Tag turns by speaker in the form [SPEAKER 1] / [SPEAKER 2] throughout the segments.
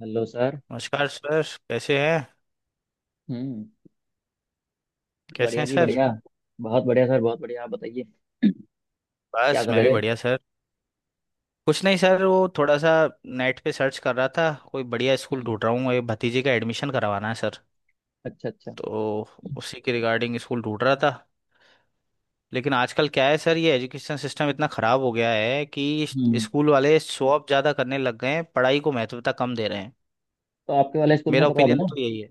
[SPEAKER 1] Hello sir.
[SPEAKER 2] नमस्कार sir. कैसे हैं?
[SPEAKER 1] हम्म।
[SPEAKER 2] कैसे
[SPEAKER 1] बढ़िया
[SPEAKER 2] हैं
[SPEAKER 1] जी,
[SPEAKER 2] सर?
[SPEAKER 1] बढ़िया। बहुत बढ़िया सर, बहुत बढ़िया। आप बताइए, क्या
[SPEAKER 2] बस
[SPEAKER 1] कर
[SPEAKER 2] मैं भी
[SPEAKER 1] रहे थे?
[SPEAKER 2] बढ़िया सर। कुछ नहीं सर, वो थोड़ा सा नेट पे सर्च कर रहा था, कोई बढ़िया स्कूल
[SPEAKER 1] हम्म,
[SPEAKER 2] ढूंढ रहा हूँ, ये भतीजे का एडमिशन करवाना है सर।
[SPEAKER 1] अच्छा अच्छा।
[SPEAKER 2] तो उसी के रिगार्डिंग स्कूल ढूंढ रहा था। लेकिन आजकल क्या है सर, ये एजुकेशन सिस्टम इतना ख़राब हो गया है कि
[SPEAKER 1] हम्म।
[SPEAKER 2] स्कूल वाले शो ऑफ ज़्यादा करने लग गए हैं, पढ़ाई को महत्वता कम दे रहे हैं।
[SPEAKER 1] तो आपके वाले स्कूल में
[SPEAKER 2] मेरा
[SPEAKER 1] करवा दो
[SPEAKER 2] ओपिनियन
[SPEAKER 1] ना।
[SPEAKER 2] तो यही है।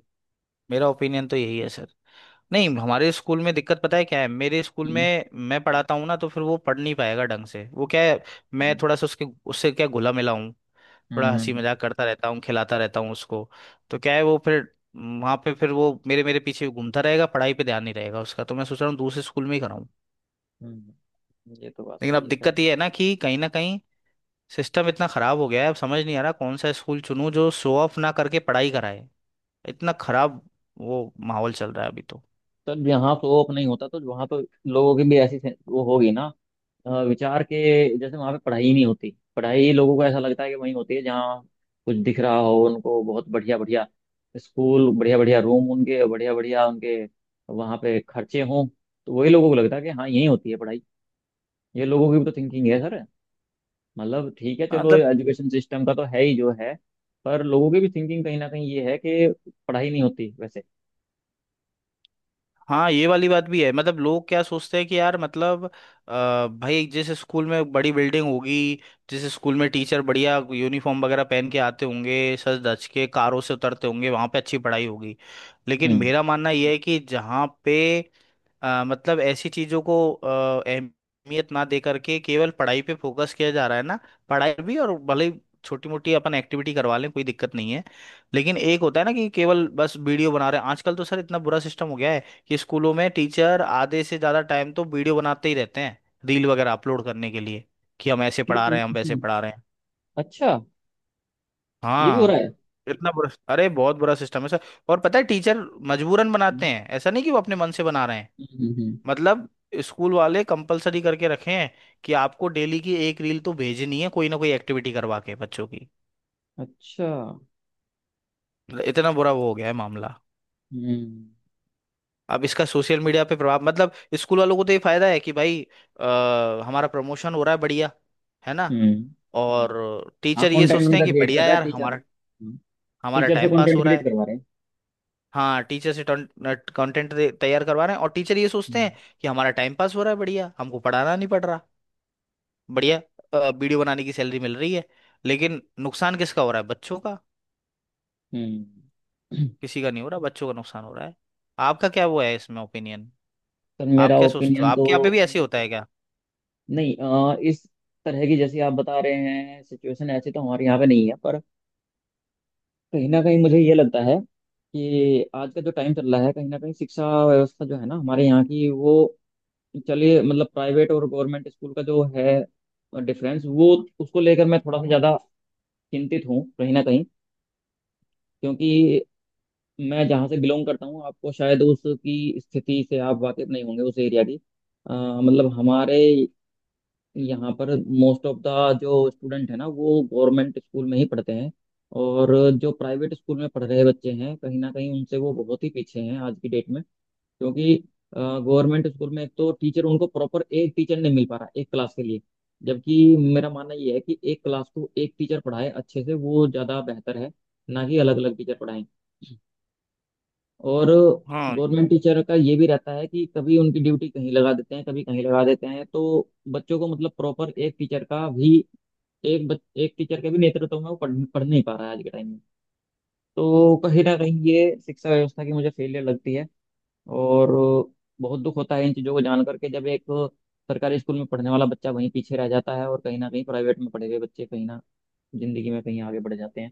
[SPEAKER 2] मेरा ओपिनियन तो यही है सर। नहीं, हमारे स्कूल में दिक्कत पता है क्या है, मेरे स्कूल
[SPEAKER 1] हम्म।
[SPEAKER 2] में मैं पढ़ाता हूँ ना तो फिर वो पढ़ नहीं पाएगा ढंग से। वो क्या है, मैं
[SPEAKER 1] हम्म।
[SPEAKER 2] थोड़ा सा उसके, उससे क्या घुला मिला हूँ, थोड़ा
[SPEAKER 1] हम्म।
[SPEAKER 2] हंसी मजाक करता रहता हूँ, खिलाता रहता हूँ उसको। तो क्या है, वो फिर वहाँ पे फिर वो मेरे मेरे पीछे घूमता रहेगा, पढ़ाई पे ध्यान नहीं रहेगा उसका। तो मैं सोच रहा हूँ दूसरे स्कूल में ही कराऊँ।
[SPEAKER 1] ये तो बात
[SPEAKER 2] लेकिन
[SPEAKER 1] सही
[SPEAKER 2] अब
[SPEAKER 1] है सर।
[SPEAKER 2] दिक्कत ये है ना, कि कहीं ना कहीं सिस्टम इतना खराब हो गया है, अब समझ नहीं आ रहा कौन सा स्कूल चुनूँ जो शो ऑफ ना करके पढ़ाई कराए। इतना खराब वो माहौल चल रहा है अभी तो।
[SPEAKER 1] सर यहाँ तो ओप नहीं होता, तो वहाँ तो लोगों की भी वो होगी ना। विचार के। जैसे वहां पे पढ़ाई ही नहीं होती, पढ़ाई लोगों को ऐसा लगता है कि वहीं होती है जहाँ कुछ दिख रहा हो उनको, बहुत बढ़िया बढ़िया स्कूल, बढ़िया बढ़िया रूम उनके, बढ़िया बढ़िया उनके वहां पे खर्चे हों। तो वही लोगों को लगता है कि हाँ, यहीं होती है पढ़ाई। ये लोगों की भी तो थिंकिंग है सर। मतलब ठीक है, चलो
[SPEAKER 2] मतलब
[SPEAKER 1] एजुकेशन सिस्टम का तो है ही जो है, पर लोगों की भी थिंकिंग कहीं ना कहीं ये है कि पढ़ाई नहीं होती वैसे।
[SPEAKER 2] हाँ, ये वाली बात भी है। मतलब लोग क्या सोचते हैं कि यार मतलब भाई जिस स्कूल में बड़ी बिल्डिंग होगी, जिस स्कूल में टीचर बढ़िया यूनिफॉर्म वगैरह पहन के आते होंगे, सज धज के कारों से उतरते होंगे, वहाँ पे अच्छी पढ़ाई होगी। लेकिन
[SPEAKER 1] हम्म।
[SPEAKER 2] मेरा मानना यह है कि जहाँ पे मतलब ऐसी चीजों को अहमियत ना दे करके केवल पढ़ाई पे फोकस किया जा रहा है ना। पढ़ाई भी, और भले ही छोटी मोटी अपन एक्टिविटी करवा लें कोई दिक्कत नहीं है। लेकिन एक होता है ना कि केवल बस वीडियो बना रहे हैं। आजकल तो सर इतना बुरा सिस्टम हो गया है कि स्कूलों में टीचर आधे से ज्यादा टाइम तो वीडियो बनाते ही रहते हैं, रील वगैरह अपलोड करने के लिए, कि हम ऐसे
[SPEAKER 1] कि-
[SPEAKER 2] पढ़ा रहे हैं, हम वैसे
[SPEAKER 1] हम्म,
[SPEAKER 2] पढ़ा रहे हैं।
[SPEAKER 1] अच्छा। ये भी हो
[SPEAKER 2] हाँ,
[SPEAKER 1] रहा है।
[SPEAKER 2] इतना बुरा। अरे बहुत बुरा सिस्टम है सर। और पता है टीचर मजबूरन बनाते
[SPEAKER 1] हम्म,
[SPEAKER 2] हैं, ऐसा नहीं कि वो अपने मन से बना रहे हैं।
[SPEAKER 1] हम्म, हम्म, हम्म।
[SPEAKER 2] मतलब स्कूल वाले कंपलसरी करके रखे हैं कि आपको डेली की एक रील तो भेजनी है, कोई ना कोई एक्टिविटी करवा के बच्चों की।
[SPEAKER 1] अच्छा।
[SPEAKER 2] मतलब इतना बुरा वो हो गया है मामला।
[SPEAKER 1] हम्म।
[SPEAKER 2] अब इसका सोशल मीडिया पे प्रभाव, मतलब स्कूल वालों को तो ये फायदा है कि भाई हमारा प्रमोशन हो रहा है बढ़िया, है ना। हम्म।
[SPEAKER 1] हम्म।
[SPEAKER 2] और
[SPEAKER 1] हाँ,
[SPEAKER 2] टीचर ये
[SPEAKER 1] कंटेंट
[SPEAKER 2] सोचते
[SPEAKER 1] उनका
[SPEAKER 2] हैं कि
[SPEAKER 1] क्रिएट कर
[SPEAKER 2] बढ़िया
[SPEAKER 1] रहा है
[SPEAKER 2] यार,
[SPEAKER 1] टीचर।
[SPEAKER 2] हमारा, हमारा
[SPEAKER 1] टीचर से
[SPEAKER 2] टाइम पास
[SPEAKER 1] कंटेंट
[SPEAKER 2] हो रहा
[SPEAKER 1] क्रिएट
[SPEAKER 2] है।
[SPEAKER 1] करवा रहे हैं।
[SPEAKER 2] हाँ, टीचर से कंटेंट तैयार करवा रहे हैं। और टीचर ये सोचते हैं
[SPEAKER 1] हम्म।
[SPEAKER 2] कि हमारा टाइम पास हो रहा है बढ़िया, हमको पढ़ाना नहीं पड़ रहा। बढ़िया, वीडियो बनाने की सैलरी मिल रही है। लेकिन नुकसान किसका हो रहा है? बच्चों का।
[SPEAKER 1] हम्म।
[SPEAKER 2] किसी का नहीं हो रहा, बच्चों का नुकसान हो रहा है। आपका क्या वो है इसमें ओपिनियन,
[SPEAKER 1] सर
[SPEAKER 2] आप
[SPEAKER 1] मेरा
[SPEAKER 2] क्या सोचते हो?
[SPEAKER 1] ओपिनियन तो,
[SPEAKER 2] आपके यहाँ पे भी ऐसे ही होता है क्या?
[SPEAKER 1] नहीं इस तरह की जैसी आप बता रहे हैं सिचुएशन ऐसी तो हमारे यहाँ पे नहीं है, पर कहीं ना कहीं मुझे ये लगता है कि आज का जो टाइम चल रहा है कहीं ना कहीं शिक्षा व्यवस्था जो है ना हमारे यहाँ की वो, चलिए, मतलब प्राइवेट और गवर्नमेंट स्कूल का जो है डिफरेंस, वो उसको लेकर मैं थोड़ा सा ज़्यादा चिंतित हूँ कहीं ना कहीं। क्योंकि मैं जहाँ से बिलोंग करता हूँ आपको शायद उसकी स्थिति से आप वाकिफ नहीं होंगे उस एरिया की। अ, मतलब हमारे यहाँ पर मोस्ट ऑफ द जो स्टूडेंट है ना, वो गवर्नमेंट स्कूल में ही पढ़ते हैं, और जो प्राइवेट स्कूल में पढ़ रहे बच्चे हैं कहीं ना कहीं उनसे वो बहुत ही पीछे हैं आज की डेट में। क्योंकि गवर्नमेंट स्कूल में एक तो टीचर, उनको प्रॉपर एक टीचर नहीं मिल पा रहा एक क्लास के लिए। जबकि मेरा मानना ये है कि एक क्लास को एक टीचर पढ़ाए अच्छे से, वो ज़्यादा बेहतर है, ना कि अलग अलग टीचर पढ़ाएं। और
[SPEAKER 2] हाँ,
[SPEAKER 1] गवर्नमेंट टीचर का ये भी रहता है कि कभी उनकी ड्यूटी कहीं लगा देते हैं, कभी कहीं लगा देते हैं, तो बच्चों को मतलब प्रॉपर एक टीचर का भी, एक टीचर के भी नेतृत्व में वो पढ़ नहीं पा रहा है आज के टाइम में। तो कहीं ना कहीं ये शिक्षा व्यवस्था की मुझे फेलियर लगती है। और बहुत दुख होता है इन चीज़ों को जान करके, जब एक सरकारी स्कूल में पढ़ने वाला बच्चा वहीं पीछे रह जाता है, और कहीं ना कहीं प्राइवेट में पढ़े हुए बच्चे कहीं ना, जिंदगी में कहीं आगे बढ़ जाते हैं।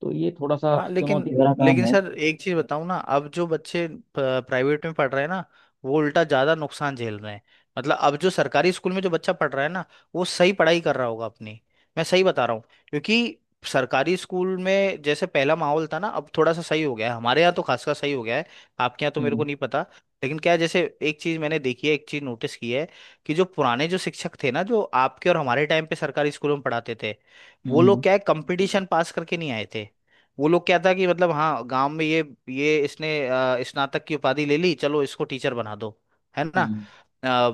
[SPEAKER 1] तो ये थोड़ा सा
[SPEAKER 2] हाँ। लेकिन
[SPEAKER 1] चुनौती भरा काम
[SPEAKER 2] लेकिन
[SPEAKER 1] है।
[SPEAKER 2] सर एक चीज बताऊं ना, अब जो बच्चे प्राइवेट में पढ़ रहे हैं ना, वो उल्टा ज्यादा नुकसान झेल रहे हैं। मतलब अब जो सरकारी स्कूल में जो बच्चा पढ़ रहा है ना, वो सही पढ़ाई कर रहा होगा अपनी, मैं सही बता रहा हूँ। क्योंकि सरकारी स्कूल में जैसे पहला माहौल था ना, अब थोड़ा सा सही हो गया है, हमारे यहाँ तो खासकर सही हो गया है। आपके यहाँ तो मेरे को
[SPEAKER 1] हम्म।
[SPEAKER 2] नहीं पता। लेकिन क्या है, जैसे एक चीज मैंने देखी है, एक चीज नोटिस की है, कि जो पुराने जो शिक्षक थे ना, जो आपके और हमारे टाइम पे सरकारी स्कूलों में पढ़ाते थे, वो लोग
[SPEAKER 1] हम्म।
[SPEAKER 2] क्या है, कंपटीशन पास करके नहीं आए थे। वो लोग क्या था कि मतलब हाँ गांव में ये इसने स्नातक की उपाधि ले ली, चलो इसको टीचर बना दो, है ना।
[SPEAKER 1] हम्म।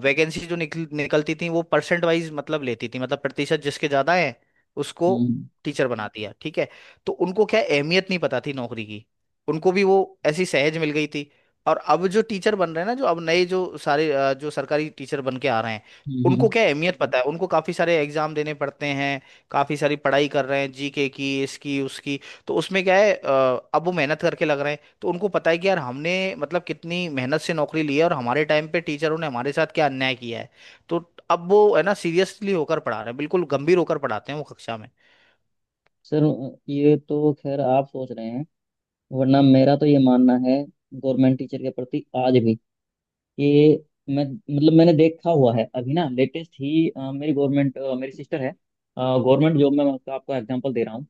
[SPEAKER 2] वैकेंसी जो निकलती थी वो परसेंट वाइज मतलब लेती थी, मतलब प्रतिशत जिसके ज्यादा है उसको
[SPEAKER 1] हम्म।
[SPEAKER 2] टीचर बना दिया, ठीक है। तो उनको क्या है, अहमियत नहीं पता थी नौकरी की, उनको भी वो ऐसी सहज मिल गई थी। और अब जो टीचर बन रहे हैं ना, जो अब नए जो सारे जो सरकारी टीचर बन के आ रहे हैं,
[SPEAKER 1] हम्म।
[SPEAKER 2] उनको
[SPEAKER 1] हम्म।
[SPEAKER 2] क्या है, अहमियत पता है, उनको काफी सारे एग्जाम देने पड़ते हैं, काफी सारी पढ़ाई कर रहे हैं, जीके की इसकी उसकी। तो उसमें क्या है अब वो मेहनत करके लग रहे हैं, तो उनको पता है कि यार हमने, मतलब कितनी मेहनत से नौकरी ली है, और हमारे टाइम पे टीचरों ने हमारे साथ क्या अन्याय किया है। तो अब वो है ना, सीरियसली होकर पढ़ा रहे हैं, बिल्कुल गंभीर होकर पढ़ाते हैं वो कक्षा में।
[SPEAKER 1] सर ये तो खैर आप सोच रहे हैं, वरना मेरा तो ये मानना है गवर्नमेंट टीचर के प्रति आज भी, कि मैं, मतलब मैंने देखा हुआ है अभी ना लेटेस्ट ही। मेरी गवर्नमेंट, मेरी सिस्टर है गवर्नमेंट जॉब में। मैं आपका आपको एग्जांपल दे रहा हूँ।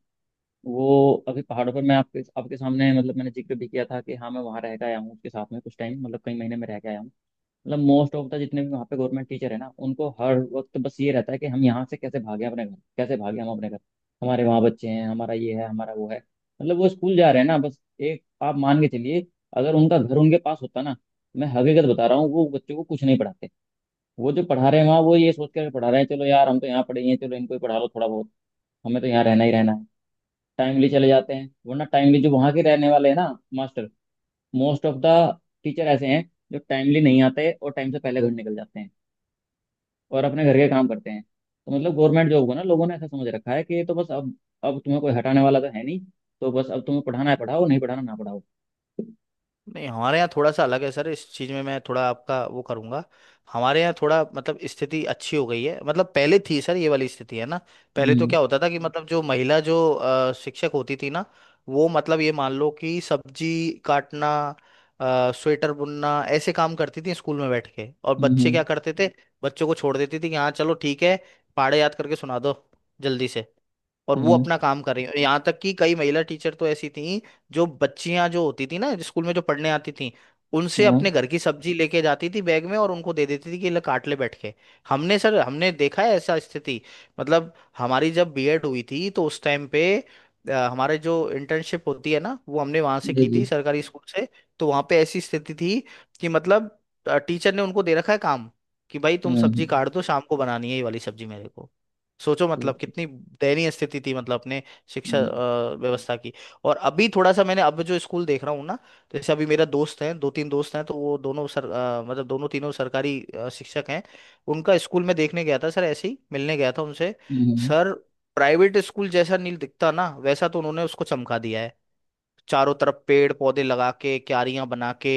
[SPEAKER 1] वो अभी पहाड़ों पर, मैं आपके आपके सामने मतलब मैंने जिक्र भी किया था कि हाँ मैं वहाँ रह के आया हूँ उसके साथ में कुछ टाइम, मतलब कई महीने में रह के आया हूँ। मतलब मोस्ट ऑफ द जितने भी वहाँ पे गवर्नमेंट टीचर है ना, उनको हर वक्त बस ये रहता है कि हम यहाँ से कैसे भागे अपने घर, कैसे भागे हम अपने घर, हमारे वहाँ बच्चे हैं, हमारा ये है, हमारा वो है। मतलब वो स्कूल जा रहे हैं ना, बस एक आप मान के चलिए, अगर उनका घर उनके पास होता ना। मैं हकीकत बता रहा हूँ, वो बच्चों को कुछ नहीं पढ़ाते। वो जो पढ़ा रहे हैं वहाँ, वो ये सोच कर पढ़ा रहे हैं, चलो यार हम तो यहाँ पढ़े ही हैं, चलो इनको ही पढ़ा लो थोड़ा बहुत, हमें तो यहाँ रहना ही रहना है। टाइमली चले जाते हैं, वरना टाइमली जो वहाँ के रहने वाले हैं ना master, most of the teacher ऐसे हैं जो टाइमली नहीं आते और टाइम से पहले घर निकल जाते हैं, और अपने घर के काम करते हैं। तो मतलब गवर्नमेंट जॉब को ना लोगों ने ऐसा समझ रखा है कि ये तो बस अब तुम्हें कोई हटाने वाला तो है नहीं, तो बस अब तुम्हें पढ़ाना है, पढ़ाओ, नहीं पढ़ाना ना पढ़ाओ।
[SPEAKER 2] नहीं, हमारे यहाँ थोड़ा सा अलग है सर इस चीज़ में, मैं थोड़ा आपका वो करूँगा। हमारे यहाँ थोड़ा मतलब स्थिति अच्छी हो गई है। मतलब पहले थी सर ये वाली स्थिति है ना। पहले तो
[SPEAKER 1] हम्म।
[SPEAKER 2] क्या होता था कि मतलब जो महिला जो शिक्षक होती थी ना, वो मतलब ये मान लो कि सब्जी काटना, स्वेटर बुनना, ऐसे काम करती थी स्कूल में बैठ के। और बच्चे
[SPEAKER 1] हम्म।
[SPEAKER 2] क्या करते थे? बच्चों को छोड़ देती थी कि हाँ चलो ठीक है, पहाड़े याद करके सुना दो जल्दी से, और वो
[SPEAKER 1] हम्म।
[SPEAKER 2] अपना काम कर रही हैं। यहाँ तक कि कई महिला टीचर तो ऐसी थी, जो बच्चियां जो होती थी ना स्कूल में जो पढ़ने आती थी, उनसे
[SPEAKER 1] हाँ,
[SPEAKER 2] अपने घर की सब्जी लेके जाती थी बैग में, और उनको दे देती थी कि ले काट ले बैठ के। हमने सर, हमने देखा है ऐसा स्थिति। मतलब हमारी जब बीएड हुई थी, तो उस टाइम पे हमारे जो इंटर्नशिप होती है ना, वो हमने वहां से
[SPEAKER 1] जी
[SPEAKER 2] की
[SPEAKER 1] जी।
[SPEAKER 2] थी सरकारी स्कूल से। तो वहां पे ऐसी स्थिति थी कि मतलब टीचर ने उनको दे रखा है काम, कि भाई तुम सब्जी
[SPEAKER 1] हम्म।
[SPEAKER 2] काट दो, शाम को बनानी है ये वाली सब्जी मेरे को। सोचो मतलब
[SPEAKER 1] ठीक।
[SPEAKER 2] कितनी दयनीय स्थिति थी, मतलब अपने शिक्षा
[SPEAKER 1] हम्म।
[SPEAKER 2] व्यवस्था की। और अभी थोड़ा सा, मैंने अब जो स्कूल देख रहा हूँ ना, तो जैसे अभी मेरा दोस्त है, दो तीन दोस्त हैं, तो वो दोनों सर मतलब दोनों तीनों सरकारी शिक्षक हैं। उनका स्कूल में देखने गया था सर, ऐसे ही मिलने गया था उनसे।
[SPEAKER 1] हम्म।
[SPEAKER 2] सर प्राइवेट स्कूल जैसा नहीं दिखता ना वैसा तो उन्होंने उसको चमका दिया है। चारों तरफ पेड़ पौधे लगा के, क्यारियां बना के,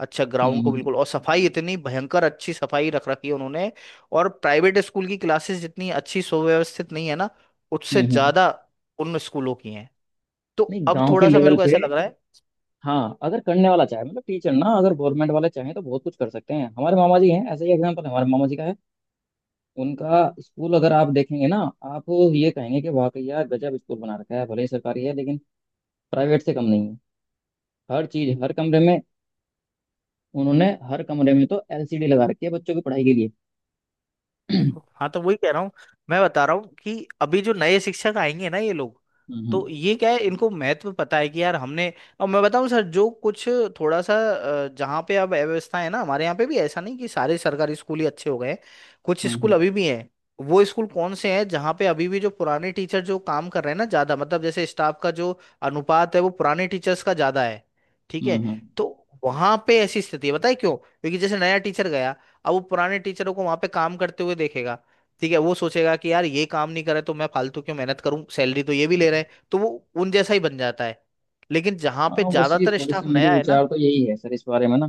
[SPEAKER 2] अच्छा ग्राउंड को
[SPEAKER 1] हम्म।
[SPEAKER 2] बिल्कुल, और सफाई इतनी भयंकर अच्छी सफाई रख रखी है उन्होंने। और प्राइवेट स्कूल की क्लासेस जितनी अच्छी सुव्यवस्थित नहीं है ना, उससे
[SPEAKER 1] हम्म।
[SPEAKER 2] ज्यादा उन स्कूलों की हैं। तो
[SPEAKER 1] नहीं
[SPEAKER 2] अब
[SPEAKER 1] गांव के
[SPEAKER 2] थोड़ा सा मेरे
[SPEAKER 1] लेवल
[SPEAKER 2] को ऐसा
[SPEAKER 1] पे,
[SPEAKER 2] लग रहा है।
[SPEAKER 1] हाँ अगर करने वाला चाहे, मतलब टीचर ना अगर गवर्नमेंट वाले चाहे तो बहुत कुछ कर सकते हैं। हमारे मामा जी हैं, ऐसा ही एग्जाम्पल हमारे मामा जी का है। उनका स्कूल अगर आप देखेंगे ना, आप ये कहेंगे कि वाकई यार गजब स्कूल बना रखा है, भले ही सरकारी है लेकिन प्राइवेट से कम नहीं है। हर चीज, हर कमरे में उन्होंने, हर कमरे में तो एलसीडी लगा रखी है बच्चों की पढ़ाई के लिए।
[SPEAKER 2] देखो, हाँ, तो वही कह रहा हूँ, मैं बता रहा हूँ कि अभी जो नए शिक्षक आएंगे ना ये लोग, तो
[SPEAKER 1] हम्म।
[SPEAKER 2] ये क्या है, इनको महत्व पता है कि यार हमने। और मैं बताऊँ सर, जो कुछ थोड़ा सा जहाँ पे अब अव्यवस्था है ना, हमारे यहाँ पे भी ऐसा नहीं कि सारे सरकारी स्कूल ही अच्छे हो गए हैं। कुछ
[SPEAKER 1] हम्म।
[SPEAKER 2] स्कूल
[SPEAKER 1] हम्म।
[SPEAKER 2] अभी भी हैं, वो स्कूल कौन से हैं जहाँ पे अभी भी जो पुराने टीचर जो काम कर रहे हैं ना ज्यादा, मतलब जैसे स्टाफ का जो अनुपात है वो पुराने टीचर्स का ज्यादा है, ठीक
[SPEAKER 1] हम्म।
[SPEAKER 2] है।
[SPEAKER 1] हम्म।
[SPEAKER 2] तो वहां पे ऐसी स्थिति है, बताए क्यों, क्योंकि जैसे नया टीचर गया, अब वो पुराने टीचरों को वहां पे काम करते हुए देखेगा, ठीक है। वो सोचेगा कि यार ये काम नहीं करे तो मैं फालतू क्यों मेहनत करूं, सैलरी तो ये भी ले रहे हैं, तो वो उन जैसा ही बन जाता है। लेकिन जहां पे
[SPEAKER 1] हाँ बस ये
[SPEAKER 2] ज्यादातर
[SPEAKER 1] थोड़ी
[SPEAKER 2] स्टाफ
[SPEAKER 1] सी, मेरे
[SPEAKER 2] नया है ना,
[SPEAKER 1] विचार तो यही है सर इस बारे में ना,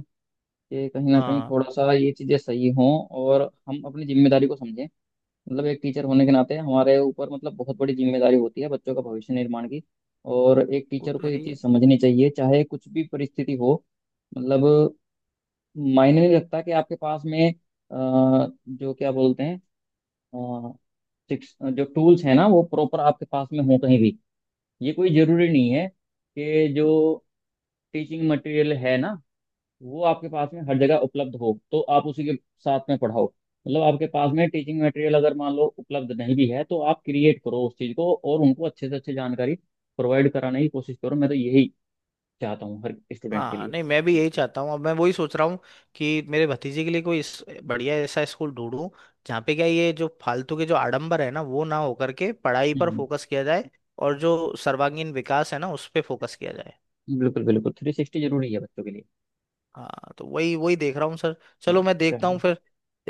[SPEAKER 1] कि कहीं ना कहीं
[SPEAKER 2] हाँ
[SPEAKER 1] थोड़ा सा ये चीज़ें सही हों, और हम अपनी जिम्मेदारी को समझें। मतलब एक टीचर होने के नाते हमारे ऊपर मतलब बहुत बड़ी जिम्मेदारी होती है बच्चों का भविष्य निर्माण की। और एक
[SPEAKER 2] वो
[SPEAKER 1] टीचर
[SPEAKER 2] तो
[SPEAKER 1] को
[SPEAKER 2] है
[SPEAKER 1] ये
[SPEAKER 2] ही है।
[SPEAKER 1] चीज़ समझनी चाहिए, चाहे कुछ भी परिस्थिति हो। मतलब मायने नहीं रखता कि आपके पास में, जो क्या बोलते हैं, सिक्स जो टूल्स है ना, वो प्रॉपर आपके पास में हो कहीं भी। ये कोई जरूरी नहीं है कि जो टीचिंग मटेरियल है ना वो आपके पास में हर जगह उपलब्ध हो, तो आप उसी के साथ में पढ़ाओ। मतलब आपके पास में टीचिंग मटेरियल अगर मान लो उपलब्ध नहीं भी है, तो आप क्रिएट करो उस चीज़ को, और उनको अच्छे से अच्छे जानकारी प्रोवाइड कराने की कोशिश करो। मैं तो यही चाहता हूँ हर स्टूडेंट के
[SPEAKER 2] हाँ
[SPEAKER 1] लिए।
[SPEAKER 2] नहीं, मैं भी यही चाहता हूँ, अब मैं वही सोच रहा हूँ कि मेरे भतीजे के लिए कोई बढ़िया ऐसा स्कूल ढूंढूं जहाँ पे क्या ये जो फालतू के जो आडंबर है ना, वो ना होकर के पढ़ाई पर
[SPEAKER 1] हम्म।
[SPEAKER 2] फोकस किया जाए, और जो सर्वांगीण विकास है ना उस पे फोकस किया जाए।
[SPEAKER 1] बिल्कुल बिल्कुल, 360 जरूरी है बच्चों के लिए।
[SPEAKER 2] हाँ तो वही वही देख रहा हूँ सर। चलो
[SPEAKER 1] हम्म,
[SPEAKER 2] मैं देखता हूँ
[SPEAKER 1] चलिए।
[SPEAKER 2] फिर,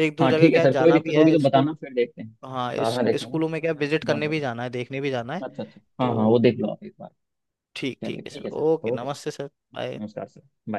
[SPEAKER 2] एक दो
[SPEAKER 1] हाँ
[SPEAKER 2] जगह
[SPEAKER 1] ठीक है
[SPEAKER 2] क्या
[SPEAKER 1] सर, कोई
[SPEAKER 2] जाना भी
[SPEAKER 1] दिक्कत होगी
[SPEAKER 2] है
[SPEAKER 1] तो बताना,
[SPEAKER 2] स्कूल।
[SPEAKER 1] फिर देखते हैं
[SPEAKER 2] हाँ
[SPEAKER 1] साथ
[SPEAKER 2] इस
[SPEAKER 1] में देखेंगे।
[SPEAKER 2] स्कूलों में क्या विजिट
[SPEAKER 1] डोंट
[SPEAKER 2] करने भी
[SPEAKER 1] वरी।
[SPEAKER 2] जाना है, देखने भी जाना है।
[SPEAKER 1] अच्छा अच्छा, हाँ हाँ, वो
[SPEAKER 2] तो
[SPEAKER 1] देख लो आप एक बार।
[SPEAKER 2] ठीक
[SPEAKER 1] चलिए
[SPEAKER 2] ठीक है
[SPEAKER 1] ठीक
[SPEAKER 2] सर,
[SPEAKER 1] है सर,
[SPEAKER 2] ओके,
[SPEAKER 1] ओके सर,
[SPEAKER 2] नमस्ते सर, बाय।
[SPEAKER 1] नमस्कार सर।